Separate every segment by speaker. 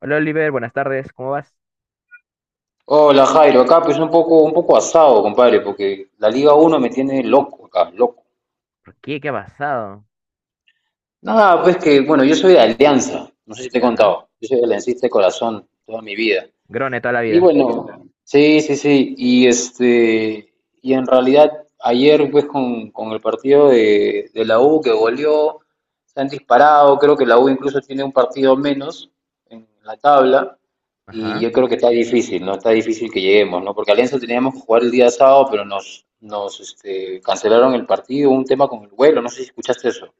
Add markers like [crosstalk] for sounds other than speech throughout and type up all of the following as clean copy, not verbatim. Speaker 1: Hola Oliver, buenas tardes, ¿cómo vas?
Speaker 2: Hola Jairo, acá pues un poco asado, compadre, porque la Liga uno me tiene loco acá, loco.
Speaker 1: ¿Por qué? ¿Qué ha pasado?
Speaker 2: Nada, pues que, bueno, yo soy de Alianza, no sé si te he
Speaker 1: Ya,
Speaker 2: contado, yo soy aliancista de corazón toda mi vida.
Speaker 1: Grone toda la
Speaker 2: Y
Speaker 1: vida.
Speaker 2: bueno, sí, sí, sí. Y este, y en realidad ayer pues con el partido de la U que goleó, se han disparado, creo que la U incluso tiene un partido menos en la tabla. Y
Speaker 1: Ajá.
Speaker 2: yo creo que está difícil, ¿no? Está difícil que lleguemos, ¿no? Porque Alianza teníamos que jugar el día sábado, pero nos cancelaron el partido, un tema con el vuelo, no sé si escuchaste eso.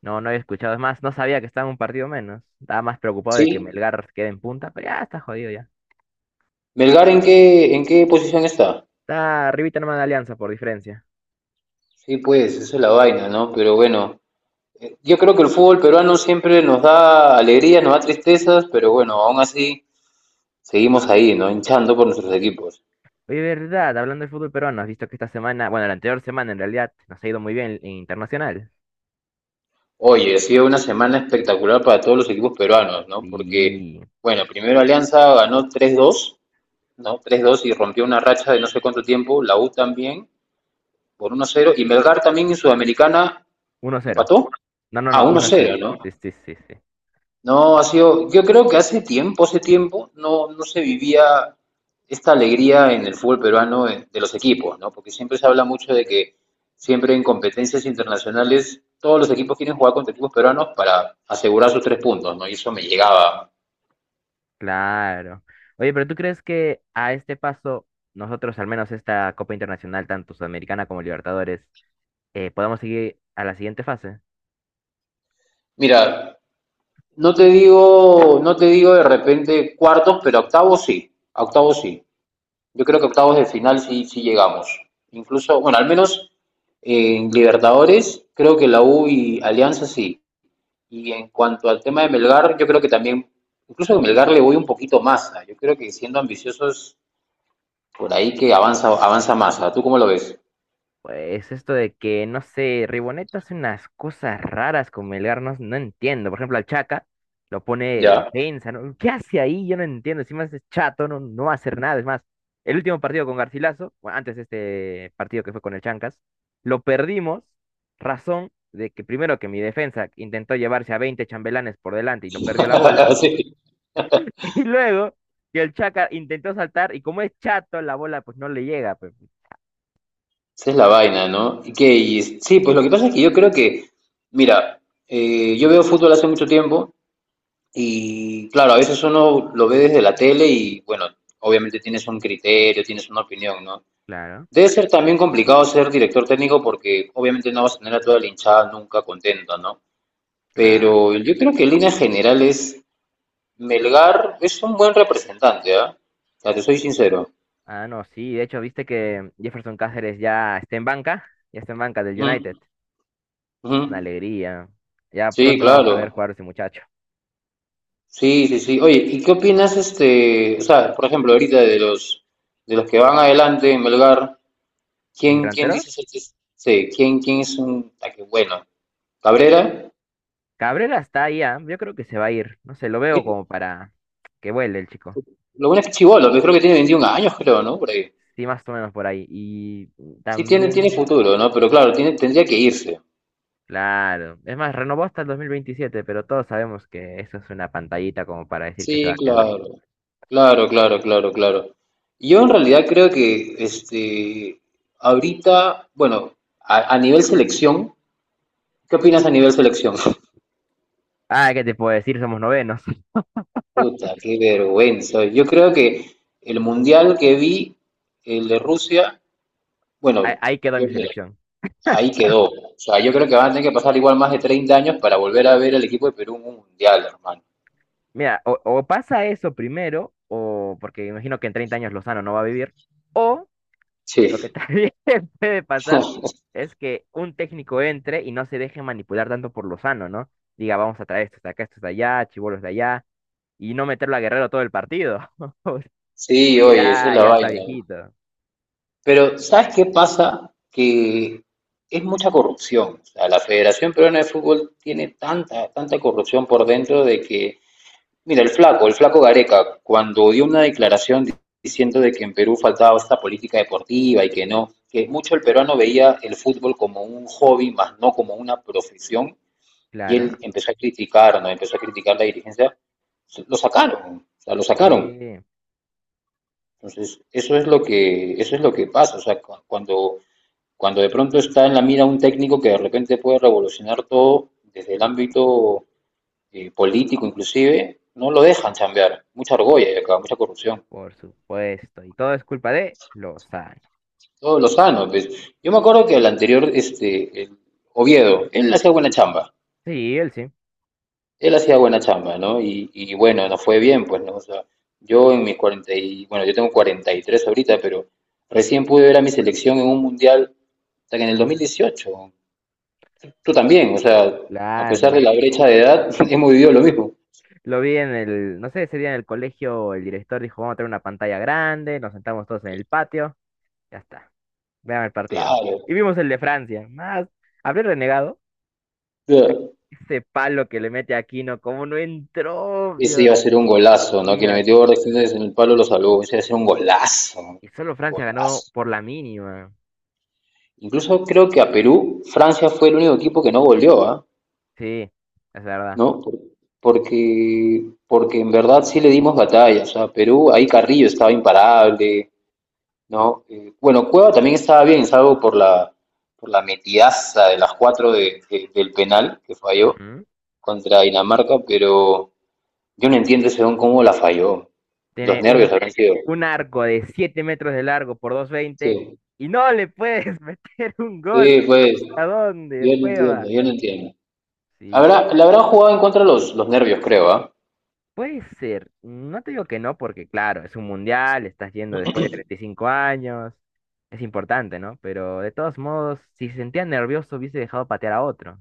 Speaker 1: No, no había escuchado. Es más, no sabía que estaba en un partido menos. Estaba más preocupado de que
Speaker 2: Sí.
Speaker 1: Melgar quede en punta, pero ya está jodido ya.
Speaker 2: Melgar, ¿en qué posición está?
Speaker 1: Está arribita nomás de Alianza, por diferencia.
Speaker 2: Sí, pues, esa es la vaina, ¿no? Pero bueno, yo creo que el fútbol peruano siempre nos da alegrías, nos da tristezas, pero bueno, aún así seguimos ahí, ¿no? Hinchando por nuestros equipos.
Speaker 1: Oye, verdad, hablando del fútbol peruano, has visto que esta semana, bueno, la anterior semana en realidad, nos ha ido muy bien en internacional.
Speaker 2: Oye, ha sido una semana espectacular para todos los equipos peruanos, ¿no? Porque,
Speaker 1: Sí,
Speaker 2: bueno, primero Alianza ganó 3-2 no 3-2 y rompió una racha de no sé cuánto tiempo, la U también, por 1-0 y Melgar también en Sudamericana
Speaker 1: uno cero.
Speaker 2: empató
Speaker 1: No, no,
Speaker 2: a
Speaker 1: no,
Speaker 2: uno
Speaker 1: uno
Speaker 2: cero
Speaker 1: cero. Sí,
Speaker 2: ¿no?
Speaker 1: sí, sí, sí.
Speaker 2: No, ha sido, yo creo que hace tiempo, no, no se vivía esta alegría en el fútbol peruano, de los equipos, ¿no? Porque siempre se habla mucho de que siempre en competencias internacionales todos los equipos quieren jugar contra equipos peruanos para asegurar sus tres puntos, ¿no? Y eso me llegaba.
Speaker 1: Claro. Oye, pero ¿tú crees que a este paso, nosotros, al menos esta Copa Internacional, tanto Sudamericana como Libertadores, podamos seguir a la siguiente fase?
Speaker 2: Mira, no te digo, no te digo de repente cuartos, pero octavos sí, a octavos sí. Yo creo que octavos de final sí, sí llegamos. Incluso, bueno, al menos en Libertadores, creo que la U y Alianza sí. Y en cuanto al tema de Melgar, yo creo que también, incluso a Melgar le voy un poquito más. ¿Ah? Yo creo que siendo ambiciosos, por ahí que avanza, avanza más. ¿Ah? ¿Tú cómo lo ves?
Speaker 1: Pues esto de que, no sé, Riboneta hace unas cosas raras con Melgar, no, no entiendo. Por ejemplo, al Chaca lo pone de
Speaker 2: Ya.
Speaker 1: defensa, ¿no? ¿Qué hace ahí? Yo no entiendo. Si más es chato, no, no va a hacer nada. Es más, el último partido con Garcilaso, bueno, antes de este partido que fue con el Chancas, lo perdimos. Razón de que primero que mi defensa intentó llevarse a 20 chambelanes por delante y lo perdió la bola.
Speaker 2: [laughs] Sí.
Speaker 1: [laughs] Y luego que el Chaca intentó saltar y como es chato, la bola pues no le llega. Pues,
Speaker 2: Esa es la vaina, ¿no? Y sí, pues lo que pasa es que yo creo que, mira, yo veo fútbol hace mucho tiempo y, claro, a veces uno lo ve desde la tele y, bueno, obviamente tienes un criterio, tienes una opinión, ¿no?
Speaker 1: claro,
Speaker 2: Debe ser también complicado ser director técnico porque obviamente no vas a tener a toda la hinchada nunca contenta, ¿no?
Speaker 1: claro.
Speaker 2: Pero yo creo que en líneas generales Melgar es un buen representante, ¿ah? O sea, te soy sincero.
Speaker 1: Ah, no, sí, de hecho, viste que Jefferson Cáceres ya está en banca, ya está en banca del United.
Speaker 2: Ujú,
Speaker 1: Es una
Speaker 2: ujú.
Speaker 1: alegría. Ya
Speaker 2: Sí,
Speaker 1: pronto vamos a ver
Speaker 2: claro.
Speaker 1: jugar a ese muchacho.
Speaker 2: Sí, sí, sí. Oye, ¿y qué opinas este, o sea, por ejemplo, ahorita de los que van adelante en Melgar?
Speaker 1: Mis
Speaker 2: Quién dices
Speaker 1: delanteros,
Speaker 2: que sí, quién es qué bueno? Cabrera.
Speaker 1: Cabrera está ahí, ah, yo creo que se va a ir. No sé, lo veo
Speaker 2: Y
Speaker 1: como para que vuele el chico.
Speaker 2: lo bueno es que es chibolo, que creo que tiene 21 años, creo, ¿no? Por ahí.
Speaker 1: Sí, más o menos por ahí. Y
Speaker 2: Sí tiene
Speaker 1: también,
Speaker 2: futuro, ¿no? Pero claro, tiene tendría que irse.
Speaker 1: claro, es más, renovó hasta el 2027 pero todos sabemos que eso es una pantallita como para decir que se va
Speaker 2: Sí,
Speaker 1: a quedar.
Speaker 2: claro. Claro, claro, claro, claro. Yo en realidad creo que este ahorita, bueno, a nivel selección, ¿qué opinas a nivel selección? [laughs]
Speaker 1: Ah, ¿qué te puedo decir? Somos novenos. [laughs]
Speaker 2: Puta, qué vergüenza. Yo creo que el mundial que vi, el de Rusia,
Speaker 1: Ahí,
Speaker 2: bueno,
Speaker 1: ahí quedó
Speaker 2: yo
Speaker 1: mi
Speaker 2: mira,
Speaker 1: selección.
Speaker 2: ahí quedó. O sea, yo creo que van a tener que pasar igual más de 30 años para volver a ver al equipo de Perú en un mundial, hermano.
Speaker 1: Mira, o pasa eso primero, o porque imagino que en 30 años Lozano no va a vivir, o lo que
Speaker 2: Sí,
Speaker 1: también [laughs] puede pasar es que un técnico entre y no se deje manipular tanto por Lozano, ¿no? Diga, vamos a traer estos de acá, estos de allá, chibolos de allá, y no meterlo a Guerrero todo el partido, [laughs]
Speaker 2: sí,
Speaker 1: porque
Speaker 2: oye, esa es
Speaker 1: ya,
Speaker 2: la
Speaker 1: ya está
Speaker 2: vaina.
Speaker 1: viejito.
Speaker 2: Pero, ¿sabes qué pasa? Que es mucha corrupción. O sea, la Federación Peruana de Fútbol tiene tanta, tanta corrupción por dentro de que, mira, el flaco Gareca, cuando dio una declaración diciendo de que en Perú faltaba esta política deportiva y que no, que mucho el peruano veía el fútbol como un hobby, más no como una profesión, y
Speaker 1: Claro,
Speaker 2: él empezó a criticar, ¿no? Empezó a criticar la dirigencia, lo sacaron, o sea, lo sacaron.
Speaker 1: sí,
Speaker 2: Entonces, eso es lo que, eso es lo que pasa, o sea, cuando de pronto está en la mira un técnico que de repente puede revolucionar todo desde el ámbito, político inclusive, no lo dejan chambear. Mucha argolla hay acá, mucha corrupción.
Speaker 1: por supuesto. Y todo es culpa de Lozano.
Speaker 2: Todo lo sano. Pues. Yo me acuerdo que el anterior, este, el Oviedo, él no hacía buena chamba.
Speaker 1: Sí, él sí.
Speaker 2: Él hacía buena chamba, ¿no? Y bueno, nos fue bien, pues, ¿no? O sea, yo en mis 40 y, bueno, yo tengo 43 ahorita, pero recién pude ver a mi selección en un mundial hasta que en el 2018. Tú también, o sea, a pesar de
Speaker 1: Claro.
Speaker 2: la brecha de edad, [laughs] hemos vivido lo mismo.
Speaker 1: Lo vi en el, no sé, ese día en el colegio el director dijo, vamos a tener una pantalla grande, nos sentamos todos en el patio, ya está, vean el partido.
Speaker 2: Claro.
Speaker 1: Y
Speaker 2: O
Speaker 1: vimos el de Francia, más, habré renegado,
Speaker 2: sea,
Speaker 1: ese palo que le mete a Aquino, cómo no entró,
Speaker 2: ese
Speaker 1: Dios
Speaker 2: iba a ser un golazo, ¿no? Que
Speaker 1: mío.
Speaker 2: le metió Borja Jiménez en el palo, lo salvó. Ese iba a ser un golazo.
Speaker 1: Y solo Francia ganó
Speaker 2: Golazo.
Speaker 1: por la mínima,
Speaker 2: Incluso creo que a Perú, Francia fue el único equipo que no goleó, ¿ah?
Speaker 1: sí, es verdad.
Speaker 2: ¿No? Porque, porque en verdad sí le dimos batalla. O sea, Perú, ahí Carrillo estaba imparable, ¿no? Bueno, Cueva también estaba bien, salvo por la metidaza de las cuatro del penal que falló.
Speaker 1: Ujú.
Speaker 2: Contra Dinamarca, pero yo no entiendo ese don cómo la falló. Los
Speaker 1: Tiene
Speaker 2: nervios habrán sido.
Speaker 1: un arco de 7 metros de largo por doscientos veinte
Speaker 2: Sí,
Speaker 1: y no le puedes [laughs] meter un gol,
Speaker 2: sí, pues,
Speaker 1: ¿a dónde,
Speaker 2: yo lo entiendo,
Speaker 1: cueva?
Speaker 2: yo lo entiendo.
Speaker 1: Sí.
Speaker 2: Le habrán jugado en contra los nervios, creo, ¿ah?
Speaker 1: Puede ser, no te digo que no, porque claro, es un mundial, estás yendo después de 35 años, es importante, ¿no? Pero de todos modos, si se sentía nervioso, hubiese dejado patear a otro,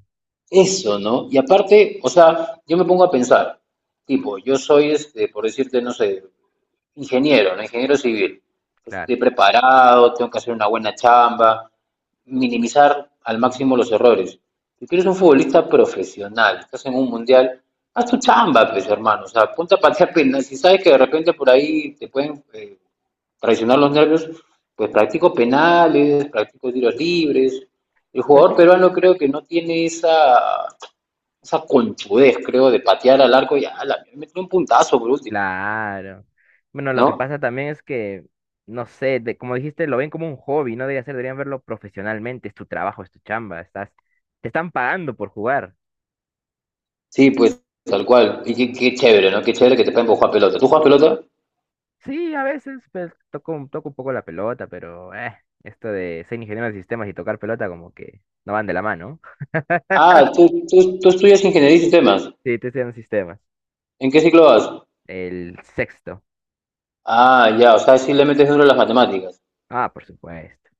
Speaker 2: Eso, ¿no? Y aparte, o sea, yo me pongo a pensar, tipo, yo soy, este, por decirte, no sé, ingeniero, ¿no? Ingeniero civil. Entonces
Speaker 1: claro.
Speaker 2: estoy preparado, tengo que hacer una buena chamba, minimizar al máximo los errores. Si tú eres un futbolista profesional, estás en un mundial, haz tu chamba, pues hermano, o sea, ponte a patear penales. Si sabes que de repente por ahí te pueden, traicionar los nervios, pues practico penales, practico tiros libres. El
Speaker 1: Pero
Speaker 2: jugador
Speaker 1: sí,
Speaker 2: peruano creo que no tiene esa conchudez, creo, de patear al arco y a la metió un puntazo por último,
Speaker 1: claro. Bueno, lo que
Speaker 2: ¿no?
Speaker 1: pasa también es que, no sé, de, como dijiste, lo ven como un hobby, no debería ser, deberían verlo profesionalmente, es tu trabajo, es tu chamba, estás, te están pagando por jugar.
Speaker 2: Sí, pues tal cual. Y qué chévere, ¿no? Qué chévere que te pueden jugar pelota. ¿Tú juegas pelota?
Speaker 1: Sí, a veces, pues, toco, toco un poco la pelota, pero, esto de ser ingeniero de sistemas y tocar pelota como que no van de la mano.
Speaker 2: Ah, tú estudias ingeniería y sistemas.
Speaker 1: Sí, te estoy en sistemas.
Speaker 2: ¿En qué ciclo vas?
Speaker 1: El sexto.
Speaker 2: Ah, ya, o sea, sí le metes duro a las matemáticas.
Speaker 1: Ah, por supuesto.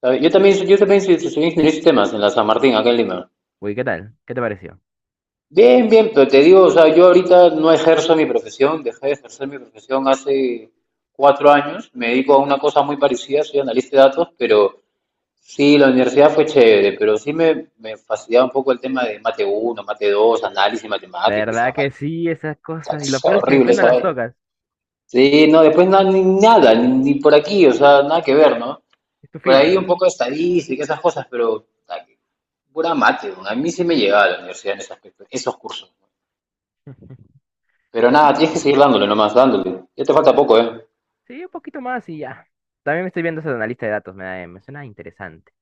Speaker 2: ¿Sabes? Yo también estudié ingeniería y sistemas en la San Martín, acá en Lima.
Speaker 1: Uy, ¿qué tal? ¿Qué te pareció?
Speaker 2: Bien, bien, pero te digo, o sea, yo ahorita no ejerzo mi profesión, dejé de ejercer mi profesión hace 4 años, me dedico a una cosa muy parecida, soy analista de datos, pero sí, la universidad fue chévere, pero sí me fastidiaba un poco el tema de mate uno, mate 2, análisis matemático, y esa
Speaker 1: ¿Verdad que
Speaker 2: vaina.
Speaker 1: sí, esas
Speaker 2: O sea,
Speaker 1: cosas? Y lo
Speaker 2: es
Speaker 1: peor es que
Speaker 2: horrible
Speaker 1: después no
Speaker 2: esa
Speaker 1: las
Speaker 2: vaina.
Speaker 1: tocas.
Speaker 2: Sí, no, después no, ni nada, ni por aquí, o sea, nada que ver, ¿no?
Speaker 1: Es tu
Speaker 2: Por ahí un
Speaker 1: filtro.
Speaker 2: poco de estadística, esas cosas, pero puta, que pura mate, weón. A mí sí me llegaba a la universidad en ese aspecto, esos cursos. ¿No?
Speaker 1: [laughs]
Speaker 2: Pero
Speaker 1: Ay, qué
Speaker 2: nada, tienes que
Speaker 1: chévere.
Speaker 2: seguir dándole nomás, dándole. Ya te falta poco, ¿eh?
Speaker 1: Sí, un poquito más y ya. También me estoy viendo eso de analista de datos. Me suena interesante.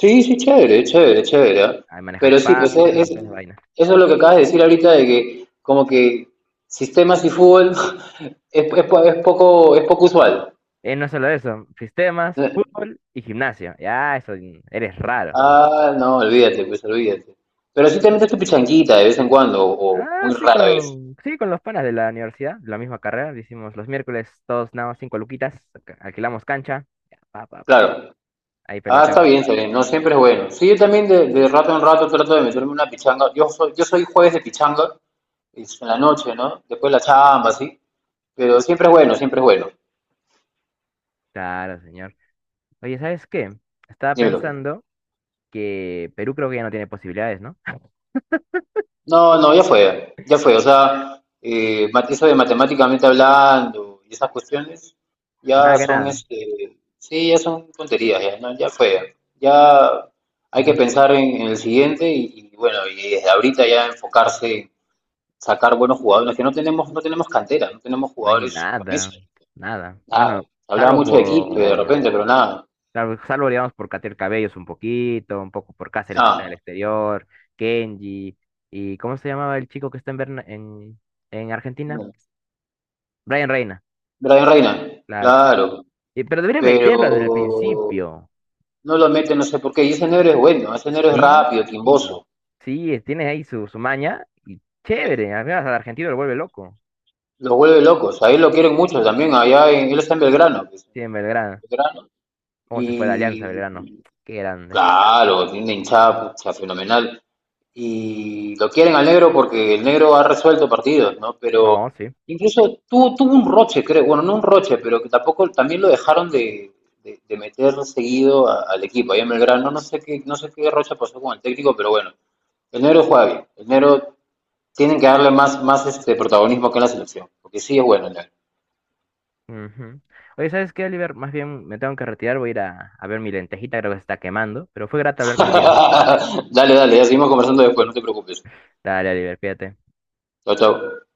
Speaker 2: Sí, sí, chévere, chévere, chévere. ¿Ah?
Speaker 1: Ahí manejas
Speaker 2: Pero sí, pues
Speaker 1: Python y toda esa vaina.
Speaker 2: eso es lo que acabas de decir ahorita de que como que sistemas y fútbol [laughs] es poco usual.
Speaker 1: No solo eso. Sistemas, fútbol y gimnasia. Ya, eso eres raro.
Speaker 2: Ah, no, olvídate, pues olvídate. Pero sí te metes tu pichanguita de vez en cuando, o
Speaker 1: Ah,
Speaker 2: muy
Speaker 1: sí,
Speaker 2: rara vez.
Speaker 1: sí, con los panas de la universidad, de la misma carrera. Hicimos los miércoles, todos nada más cinco luquitas, alquilamos cancha, ya, pa, pa, pa.
Speaker 2: Claro.
Speaker 1: Ahí
Speaker 2: Ah, está
Speaker 1: peloteamos. Un
Speaker 2: bien, está
Speaker 1: rato.
Speaker 2: bien. No siempre es bueno. Sí, yo también de rato en rato trato de meterme una pichanga. Yo soy jueves de pichanga, es en la noche, ¿no? Después la chamba, sí. Pero siempre es bueno, siempre es bueno.
Speaker 1: Claro, señor. Oye, ¿sabes qué? Estaba
Speaker 2: Dímelo.
Speaker 1: pensando que Perú creo que ya no tiene posibilidades, ¿no?
Speaker 2: No, no, ya fue, ya fue. O sea, eso de matemáticamente hablando y esas cuestiones
Speaker 1: Nada
Speaker 2: ya
Speaker 1: que
Speaker 2: son,
Speaker 1: nada,
Speaker 2: este, sí, ya son tonterías, ya, ¿no? Ya fue. Ya hay
Speaker 1: porque
Speaker 2: que
Speaker 1: no,
Speaker 2: pensar en el siguiente y bueno, y desde ahorita ya enfocarse en sacar buenos jugadores, que no tenemos, no tenemos cantera, no tenemos
Speaker 1: no hay
Speaker 2: jugadores
Speaker 1: nada,
Speaker 2: promesas.
Speaker 1: nada.
Speaker 2: Nada.
Speaker 1: Bueno,
Speaker 2: Hablaba
Speaker 1: salvo
Speaker 2: mucho de Quispe de
Speaker 1: por,
Speaker 2: repente, pero nada,
Speaker 1: salvo, salvo, digamos, por Cater Cabellos un poquito, un poco por Cáceres que está en el
Speaker 2: ah,
Speaker 1: exterior, Kenji, y ¿cómo se llamaba el chico que está en, en Argentina?
Speaker 2: no.
Speaker 1: Brian Reina,
Speaker 2: Brian Reina,
Speaker 1: claro.
Speaker 2: claro,
Speaker 1: Pero debería meterlo desde el
Speaker 2: pero
Speaker 1: principio.
Speaker 2: no lo meten, no sé por qué. Y ese negro es bueno, ese negro es
Speaker 1: Sí,
Speaker 2: rápido, timboso.
Speaker 1: sí, tiene ahí su, su maña. Y
Speaker 2: Eh,
Speaker 1: chévere, al menos al argentino lo vuelve loco.
Speaker 2: los vuelve locos. Ahí lo quieren mucho también. Allá él está en Belgrano. Pues,
Speaker 1: Sí, en
Speaker 2: en
Speaker 1: Belgrano.
Speaker 2: Belgrano.
Speaker 1: ¿Cómo se fue de Alianza
Speaker 2: Y
Speaker 1: Belgrano? Qué grande.
Speaker 2: claro, tiene una hinchada pucha, fenomenal. Y lo quieren al negro porque el negro ha resuelto partidos, ¿no? Pero
Speaker 1: No, sí.
Speaker 2: incluso tuvo un roche, creo. Bueno, no un roche, pero que tampoco también lo dejaron de meter seguido al equipo. Ahí en Belgrano, no sé qué roche pasó con el técnico, pero bueno. El negro juega bien. El negro tienen que darle más este protagonismo acá en la selección, porque sí es bueno. Ya.
Speaker 1: Ujú. Oye, ¿sabes qué, Oliver? Más bien me tengo que retirar, voy a ir a ver mi lentejita, creo que se está quemando. Pero fue grato hablar contigo.
Speaker 2: [laughs] Dale, dale, ya seguimos conversando después, no te preocupes.
Speaker 1: Dale, Oliver, fíjate.
Speaker 2: Chao, chao.